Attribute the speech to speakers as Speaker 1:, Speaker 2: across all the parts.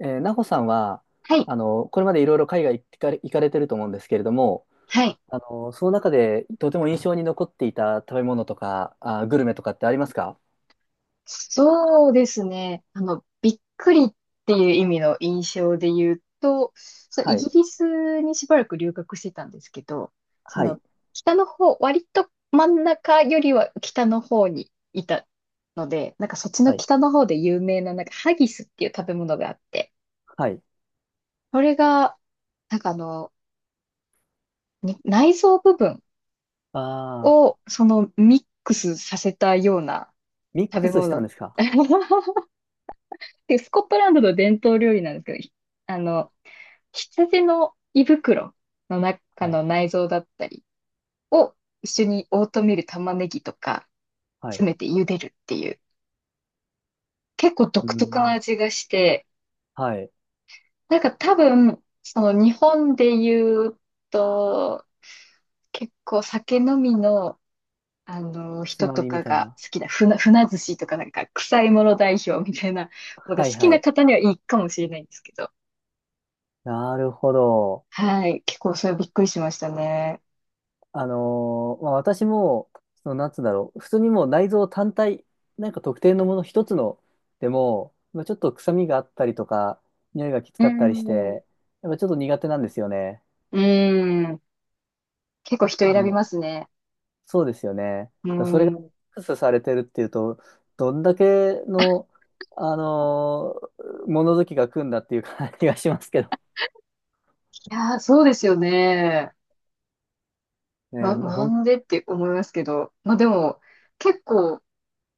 Speaker 1: なほさんは、
Speaker 2: はい。
Speaker 1: これまでいろいろ海外行かれ、行かれてると思うんですけれども、
Speaker 2: はい。
Speaker 1: その中でとても印象に残っていた食べ物とか、グルメとかってありますか？
Speaker 2: そうですね。あの、びっくりっていう意味の印象で言うと、そう、イ
Speaker 1: は
Speaker 2: ギ
Speaker 1: い、
Speaker 2: リスにしばらく留学してたんですけど、そ
Speaker 1: は
Speaker 2: の、
Speaker 1: い、
Speaker 2: 北の方、割と真ん中よりは北の方にいたので、なんかそっちの
Speaker 1: はい、
Speaker 2: 北の方で有名な、なんかハギスっていう食べ物があって、
Speaker 1: はい。
Speaker 2: それが、なんかあの、に内臓部分
Speaker 1: ああ、
Speaker 2: をそのミックスさせたような
Speaker 1: ミッ
Speaker 2: 食
Speaker 1: ク
Speaker 2: べ
Speaker 1: スしたん
Speaker 2: 物。
Speaker 1: ですか？
Speaker 2: で、スコットランドの伝統料理なんですけど、ひあの、羊の胃袋の中
Speaker 1: はい、
Speaker 2: の内臓だったりを一緒にオートミール玉ねぎとか
Speaker 1: はい。
Speaker 2: 詰めて茹でるっていう、結構
Speaker 1: うー
Speaker 2: 独特な
Speaker 1: ん、
Speaker 2: 味がして、
Speaker 1: はい。
Speaker 2: なんか多分、その日本で言うと、結構酒飲みの、あの
Speaker 1: つ
Speaker 2: 人
Speaker 1: ま
Speaker 2: と
Speaker 1: みみ
Speaker 2: か
Speaker 1: たい
Speaker 2: が
Speaker 1: な。
Speaker 2: 好きな船寿司とかなんか臭いもの代表みたいなのが
Speaker 1: はい、
Speaker 2: 好き
Speaker 1: は
Speaker 2: な
Speaker 1: い。
Speaker 2: 方にはいいかもしれないんですけど、
Speaker 1: なるほど。
Speaker 2: はい。結構それはびっくりしましたね。
Speaker 1: まあ、私も、その、なんつうんだろう、普通にもう内臓単体、なんか特定のもの一つのでも、まあ、ちょっと臭みがあったりとか、匂いがきつ
Speaker 2: う
Speaker 1: かったりし
Speaker 2: ん。
Speaker 1: て、やっぱちょっと苦手なんですよね。
Speaker 2: うん。結構人
Speaker 1: あ
Speaker 2: 選びま
Speaker 1: の、
Speaker 2: すね。
Speaker 1: そうですよね。
Speaker 2: う
Speaker 1: だそれが
Speaker 2: ん。
Speaker 1: ミ
Speaker 2: い
Speaker 1: ックスされてるっていうと、どんだけの、あのー物好きが来るんだっていう感じがしますけど。
Speaker 2: やー、そうですよね。
Speaker 1: ね、
Speaker 2: なんでって思いますけど。まあでも、結構、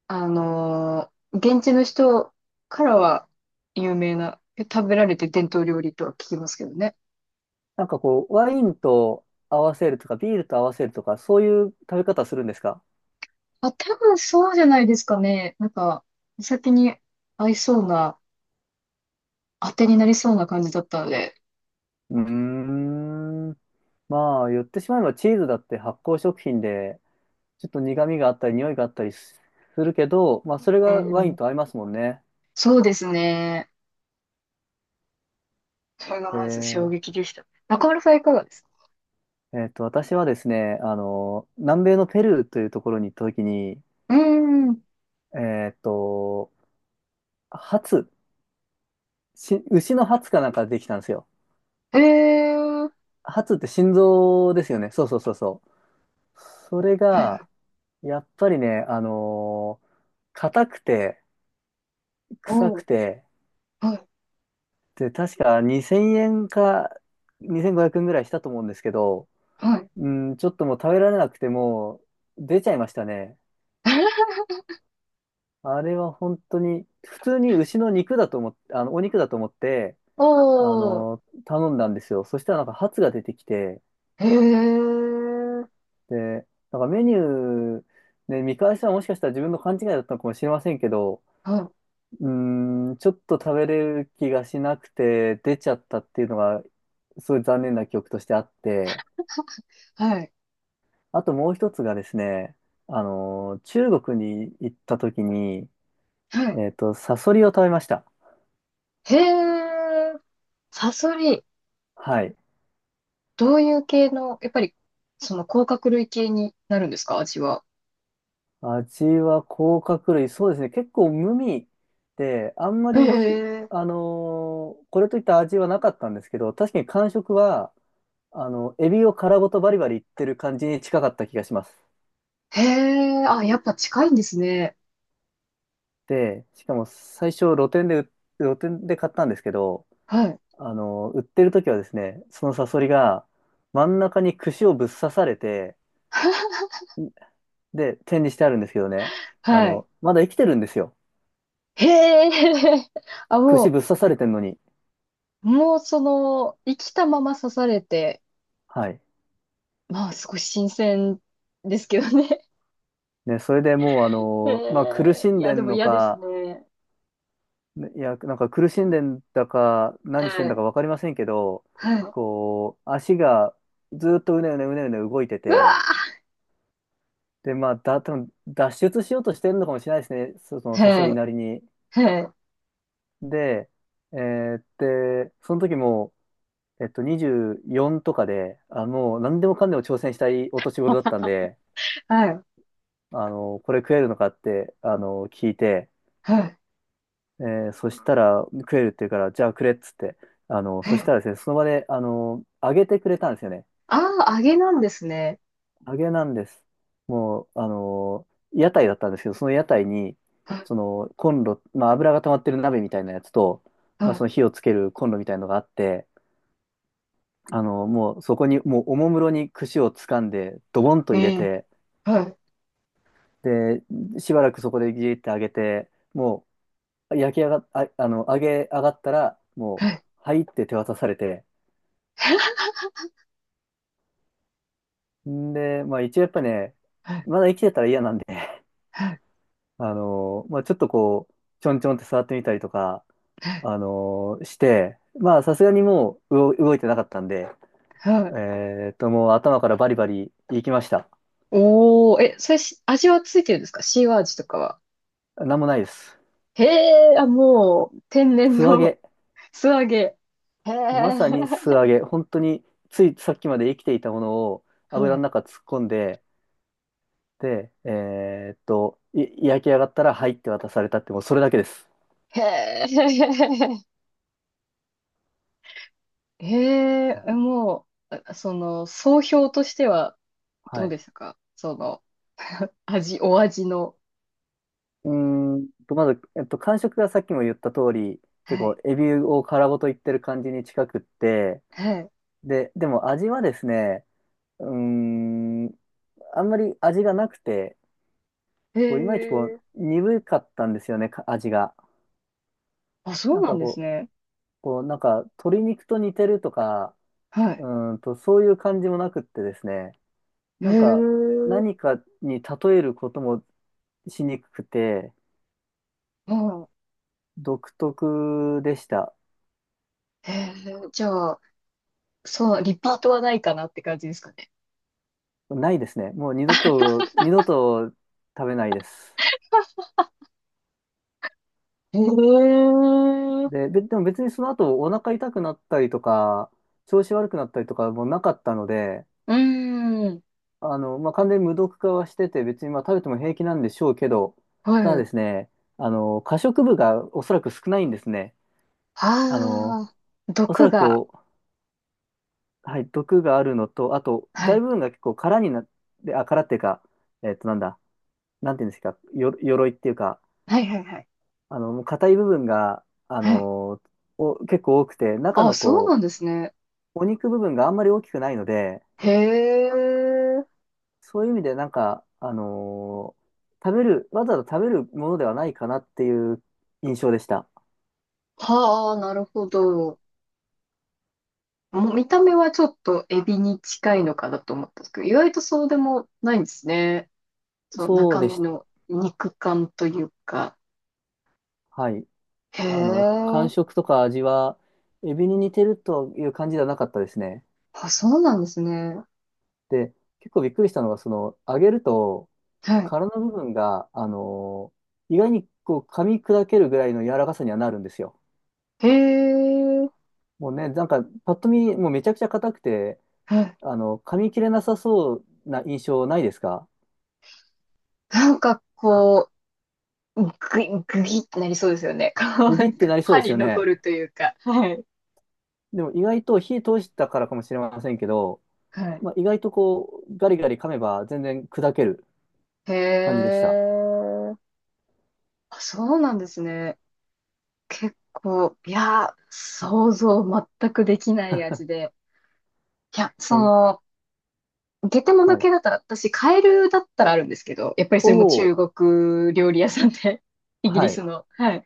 Speaker 2: 現地の人からは有名な、食べられて伝統料理とは聞きますけどね。
Speaker 1: なんかこう、ワインと合わせるとか、ビールと合わせるとか、そういう食べ方するんですか？
Speaker 2: あ、多分そうじゃないですかね。なんか、お酒に合いそうな、当てになりそうな感じだったので。
Speaker 1: うーん。まあ、言ってしまえばチーズだって発酵食品で、ちょっと苦味があったり、匂いがあったりするけど、まあ、それ
Speaker 2: う
Speaker 1: がワイン
Speaker 2: ん。
Speaker 1: と合いますもんね。
Speaker 2: そうですね。それが
Speaker 1: え
Speaker 2: まず衝
Speaker 1: ー
Speaker 2: 撃でした。中村さんいかがですか？
Speaker 1: 私はですね、南米のペルーというところに行った時に、
Speaker 2: うーん。
Speaker 1: えっと、ハツ、し牛のハツかなんかできたんですよ。
Speaker 2: えー
Speaker 1: ハツって心臓ですよね。そうそうそうそう。それが、やっぱりね、硬くて、臭
Speaker 2: お
Speaker 1: く
Speaker 2: ー、
Speaker 1: て、
Speaker 2: はい、
Speaker 1: で、確か2000円か2500円ぐらいしたと思うんですけど、
Speaker 2: はい。
Speaker 1: うん、ちょっともう食べられなくてもう出ちゃいましたね。あれは本当に、普通に牛の肉だと思ってお肉だと思って、
Speaker 2: おー、
Speaker 1: 頼んだんですよ。そしたらなんかハツが出てきて、
Speaker 2: へー、
Speaker 1: で、なんかメニュー、ね、見返したらもしかしたら自分の勘違いだったのかもしれませんけど、
Speaker 2: は
Speaker 1: うーん、ちょっと食べれる気がしなくて出ちゃったっていうのが、すごい残念な記憶としてあって、
Speaker 2: い、はい、
Speaker 1: あともう一つがですね、中国に行った時に、
Speaker 2: はい。
Speaker 1: サソリを食べました。
Speaker 2: へー、サソリ、
Speaker 1: はい。
Speaker 2: どういう系の、やっぱり、その甲殻類系になるんですか、味は。
Speaker 1: 味は甲殻類、そうですね、結構無味で、あんま
Speaker 2: へ
Speaker 1: り、
Speaker 2: ー、
Speaker 1: これといった味はなかったんですけど、確かに感触は、エビを殻ごとバリバリいってる感じに近かった気がします。
Speaker 2: へー、あ、やっぱ近いんですね。
Speaker 1: で、しかも最初露店で買ったんですけど、
Speaker 2: はい、
Speaker 1: 売ってる時はですね、そのサソリが真ん中に串をぶっ刺されて、で、展示してあるんですけどね、
Speaker 2: はい。
Speaker 1: まだ生きてるんですよ。
Speaker 2: へー、あ、
Speaker 1: 串ぶっ刺されてんのに。
Speaker 2: もうその、生きたまま刺されて、
Speaker 1: はい。
Speaker 2: まあ、少し新鮮ですけどね。
Speaker 1: ね、それでもう、まあ、苦し
Speaker 2: い
Speaker 1: んで
Speaker 2: や、で
Speaker 1: ん
Speaker 2: も
Speaker 1: の
Speaker 2: 嫌です
Speaker 1: か、
Speaker 2: ね。
Speaker 1: いや、なんか苦しんでんだか、
Speaker 2: は
Speaker 1: 何してんだか
Speaker 2: い。
Speaker 1: わかりませんけど、
Speaker 2: はい。
Speaker 1: こう、足がずっとうねうねうねうね動いて
Speaker 2: う
Speaker 1: て、
Speaker 2: わ
Speaker 1: で、まあ、多分脱出しようとしてるのかもしれないですね、その
Speaker 2: ー
Speaker 1: サソ
Speaker 2: は
Speaker 1: リ
Speaker 2: い。
Speaker 1: なりに。
Speaker 2: はい。
Speaker 1: で、えーで、その時も、24とかで、あ、もう何でもかんでも挑戦したいお年頃だったんで、
Speaker 2: はい。
Speaker 1: これ食えるのかって、聞いて、
Speaker 2: はい。
Speaker 1: えそしたら食えるって言うから、じゃあくれっつって、
Speaker 2: は
Speaker 1: そし
Speaker 2: い
Speaker 1: たらですね、その場で、揚げてくれたんですよね。
Speaker 2: ああ、揚げなんですね。
Speaker 1: 揚げなんです。もう、屋台だったんですけど、その屋台に、
Speaker 2: はい。
Speaker 1: そのコンロ、まあ、油が溜まってる鍋みたいなやつと、まあ、そ
Speaker 2: は
Speaker 1: の火をつけるコンロみたいなのがあって、もうそこに、もうおもむろに串をつかんで、ドボンと
Speaker 2: い。
Speaker 1: 入れて、
Speaker 2: はい。
Speaker 1: で、しばらくそこでギーって揚げて、もう焼き上が、あ、あの、揚げ上がったら、もう、
Speaker 2: はい。
Speaker 1: はいって手渡されて、んで、まあ一応やっぱね、
Speaker 2: はい。
Speaker 1: まだ生きてたら嫌なんで、
Speaker 2: はい。
Speaker 1: まあちょっとこう、ちょんちょんって触ってみたりとか、して、まあさすがにもう動いてなかったんで、
Speaker 2: は
Speaker 1: え
Speaker 2: い。
Speaker 1: もう頭からバリバリいきました。
Speaker 2: おー、え、それし、味はついてるんですか？塩味とかは。
Speaker 1: なんもないです。
Speaker 2: へえ、あ、もう、天然
Speaker 1: 素揚
Speaker 2: の
Speaker 1: げ。
Speaker 2: 素揚げ。へえ、
Speaker 1: まさに素揚げ。本当に、ついさっきまで生きていたものを
Speaker 2: は
Speaker 1: 油の
Speaker 2: い。
Speaker 1: 中突っ込んで、で、焼き上がったら、はいって渡されたって、もうそれだけです。
Speaker 2: へえ、ええ、もう、あその、総評としては
Speaker 1: は
Speaker 2: どう
Speaker 1: い。
Speaker 2: でしたか？その、お味の。
Speaker 1: まず、感触がさっきも言った通り、結
Speaker 2: は
Speaker 1: 構、
Speaker 2: い。
Speaker 1: エビを殻ごといってる感じに近くって、
Speaker 2: は
Speaker 1: でも味はですね、うーん、あんまり味がなくて、
Speaker 2: い。へ
Speaker 1: こういまいちこう、
Speaker 2: え。
Speaker 1: 鈍かったんですよね、味が。
Speaker 2: あ、そ
Speaker 1: な
Speaker 2: う
Speaker 1: ん
Speaker 2: なん
Speaker 1: か
Speaker 2: です
Speaker 1: こう、
Speaker 2: ね。
Speaker 1: なんか、鶏肉と似てるとか、
Speaker 2: は
Speaker 1: う
Speaker 2: い。
Speaker 1: そういう感じもなくってですね、
Speaker 2: へ
Speaker 1: なんか、
Speaker 2: え。う
Speaker 1: 何かに例えることもしにくくて、
Speaker 2: ん。
Speaker 1: 独特でした。
Speaker 2: へえ。じゃあ、そう、リピートはないかなって感じですかね。
Speaker 1: ないですね。もう二度と、二度と食べないです。
Speaker 2: へえ。う
Speaker 1: で、でも別にその後お腹痛くなったりとか、調子悪くなったりとかもなかったので、
Speaker 2: ーん。
Speaker 1: まあ、完全に無毒化はしてて、別にまあ食べても平気なんでしょうけど、
Speaker 2: は
Speaker 1: ただで
Speaker 2: い。
Speaker 1: すね、可食部がおそらく少ないんですね。あの、
Speaker 2: ああ、
Speaker 1: おそ
Speaker 2: 毒
Speaker 1: らく
Speaker 2: が。
Speaker 1: こう、はい、毒があるのと、あと、
Speaker 2: は
Speaker 1: 大
Speaker 2: い。
Speaker 1: 部分が結構空になって、あ、空っていうか、なんだ、なんていうんですか、鎧っていうか、
Speaker 2: はいはいはい。
Speaker 1: 硬い部分が、
Speaker 2: はい。
Speaker 1: 結構多くて、中
Speaker 2: あ、
Speaker 1: の
Speaker 2: そうな
Speaker 1: こ
Speaker 2: んですね。
Speaker 1: う、お肉部分があんまり大きくないので、
Speaker 2: へえ。
Speaker 1: そういう意味でなんか、食べる、わざわざ食べるものではないかなっていう印象でした。
Speaker 2: はあ、なるほど。もう見た目はちょっとエビに近いのかなと思ったんですけど、意外とそうでもないんですね。そう、
Speaker 1: そう
Speaker 2: 中
Speaker 1: で
Speaker 2: 身
Speaker 1: した。
Speaker 2: の肉感というか。
Speaker 1: はい。
Speaker 2: へ
Speaker 1: 感
Speaker 2: え。
Speaker 1: 触とか味は、エビに似てるという感じではなかったですね。
Speaker 2: あ、そうなんですね。
Speaker 1: で、結構びっくりしたのが、その、揚げると、
Speaker 2: はい。
Speaker 1: 殻の部分が、意外にこう噛み砕けるぐらいの柔らかさにはなるんですよ。
Speaker 2: へえ。
Speaker 1: もうね、なんかパッと見、もうめちゃくちゃ硬くて、
Speaker 2: はい。
Speaker 1: 噛み切れなさそうな印象ないですか？
Speaker 2: なんかこう、グイグぎってなりそうですよね。こう、
Speaker 1: ブ
Speaker 2: な
Speaker 1: ギっ
Speaker 2: ん
Speaker 1: て
Speaker 2: か
Speaker 1: なりそう
Speaker 2: 歯
Speaker 1: ですよ
Speaker 2: に残
Speaker 1: ね。
Speaker 2: るというか。はい。
Speaker 1: でも意外と火通したからかもしれませんけど、
Speaker 2: はい。
Speaker 1: まあ、意外とこう、ガリガリ噛めば全然砕ける
Speaker 2: へ
Speaker 1: 感じでした。
Speaker 2: え。あ、そうなんですね。結構、いやー、
Speaker 1: まあ、
Speaker 2: 想像全くできない味で。いや、そ
Speaker 1: ほん、
Speaker 2: の、ゲテモノ
Speaker 1: はい。
Speaker 2: 系だったら、私、カエルだったらあるんですけど、やっぱり
Speaker 1: お
Speaker 2: それも
Speaker 1: ー、
Speaker 2: 中国料理屋さんで、イギ
Speaker 1: は
Speaker 2: リ
Speaker 1: い。
Speaker 2: スの。はい。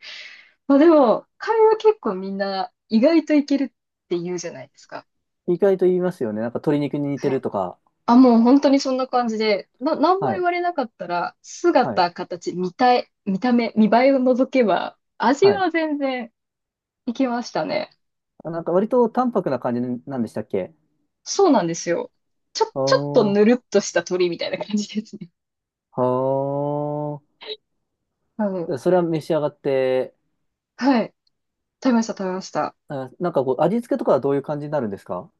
Speaker 2: まあでも、カエルは結構みんな意外といけるって言うじゃないですか。
Speaker 1: 意外と言いますよね。なんか鶏肉に似て
Speaker 2: は
Speaker 1: る
Speaker 2: い。
Speaker 1: とか。
Speaker 2: あ、もう本当にそんな感じで、何
Speaker 1: は
Speaker 2: も言
Speaker 1: い、
Speaker 2: われなかったら、
Speaker 1: はい、
Speaker 2: 姿、形、見た目、見栄えを除けば、味
Speaker 1: はい。
Speaker 2: は全然いけましたね。
Speaker 1: あ、なんか割と淡白な感じなんでしたっけ？
Speaker 2: そうなんですよ。
Speaker 1: あ
Speaker 2: ちょっと
Speaker 1: ー。
Speaker 2: ぬるっとした鳥みたいな感じですね。
Speaker 1: は
Speaker 2: うん。
Speaker 1: あ。それは召し上がって、
Speaker 2: はい。食べました、食べました。
Speaker 1: あ、なんかこう、味付けとかはどういう感じになるんですか？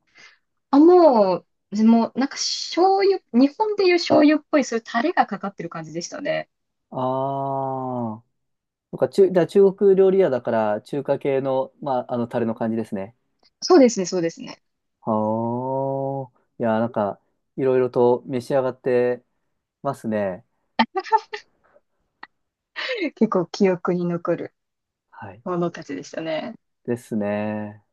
Speaker 2: あ、もう、でも、なんか醤油、日本でいう醤油っぽい、そういうタレがかかってる感じでしたね。
Speaker 1: ああー。なんかだから中国料理屋だから、中華系の、まあ、タレの感じですね。
Speaker 2: そうですね、そうですね。
Speaker 1: はあ。いや、なんか、いろいろと召し上がってますね。
Speaker 2: 結構記憶に残る
Speaker 1: はい。
Speaker 2: ものたちでしたね。
Speaker 1: ですね。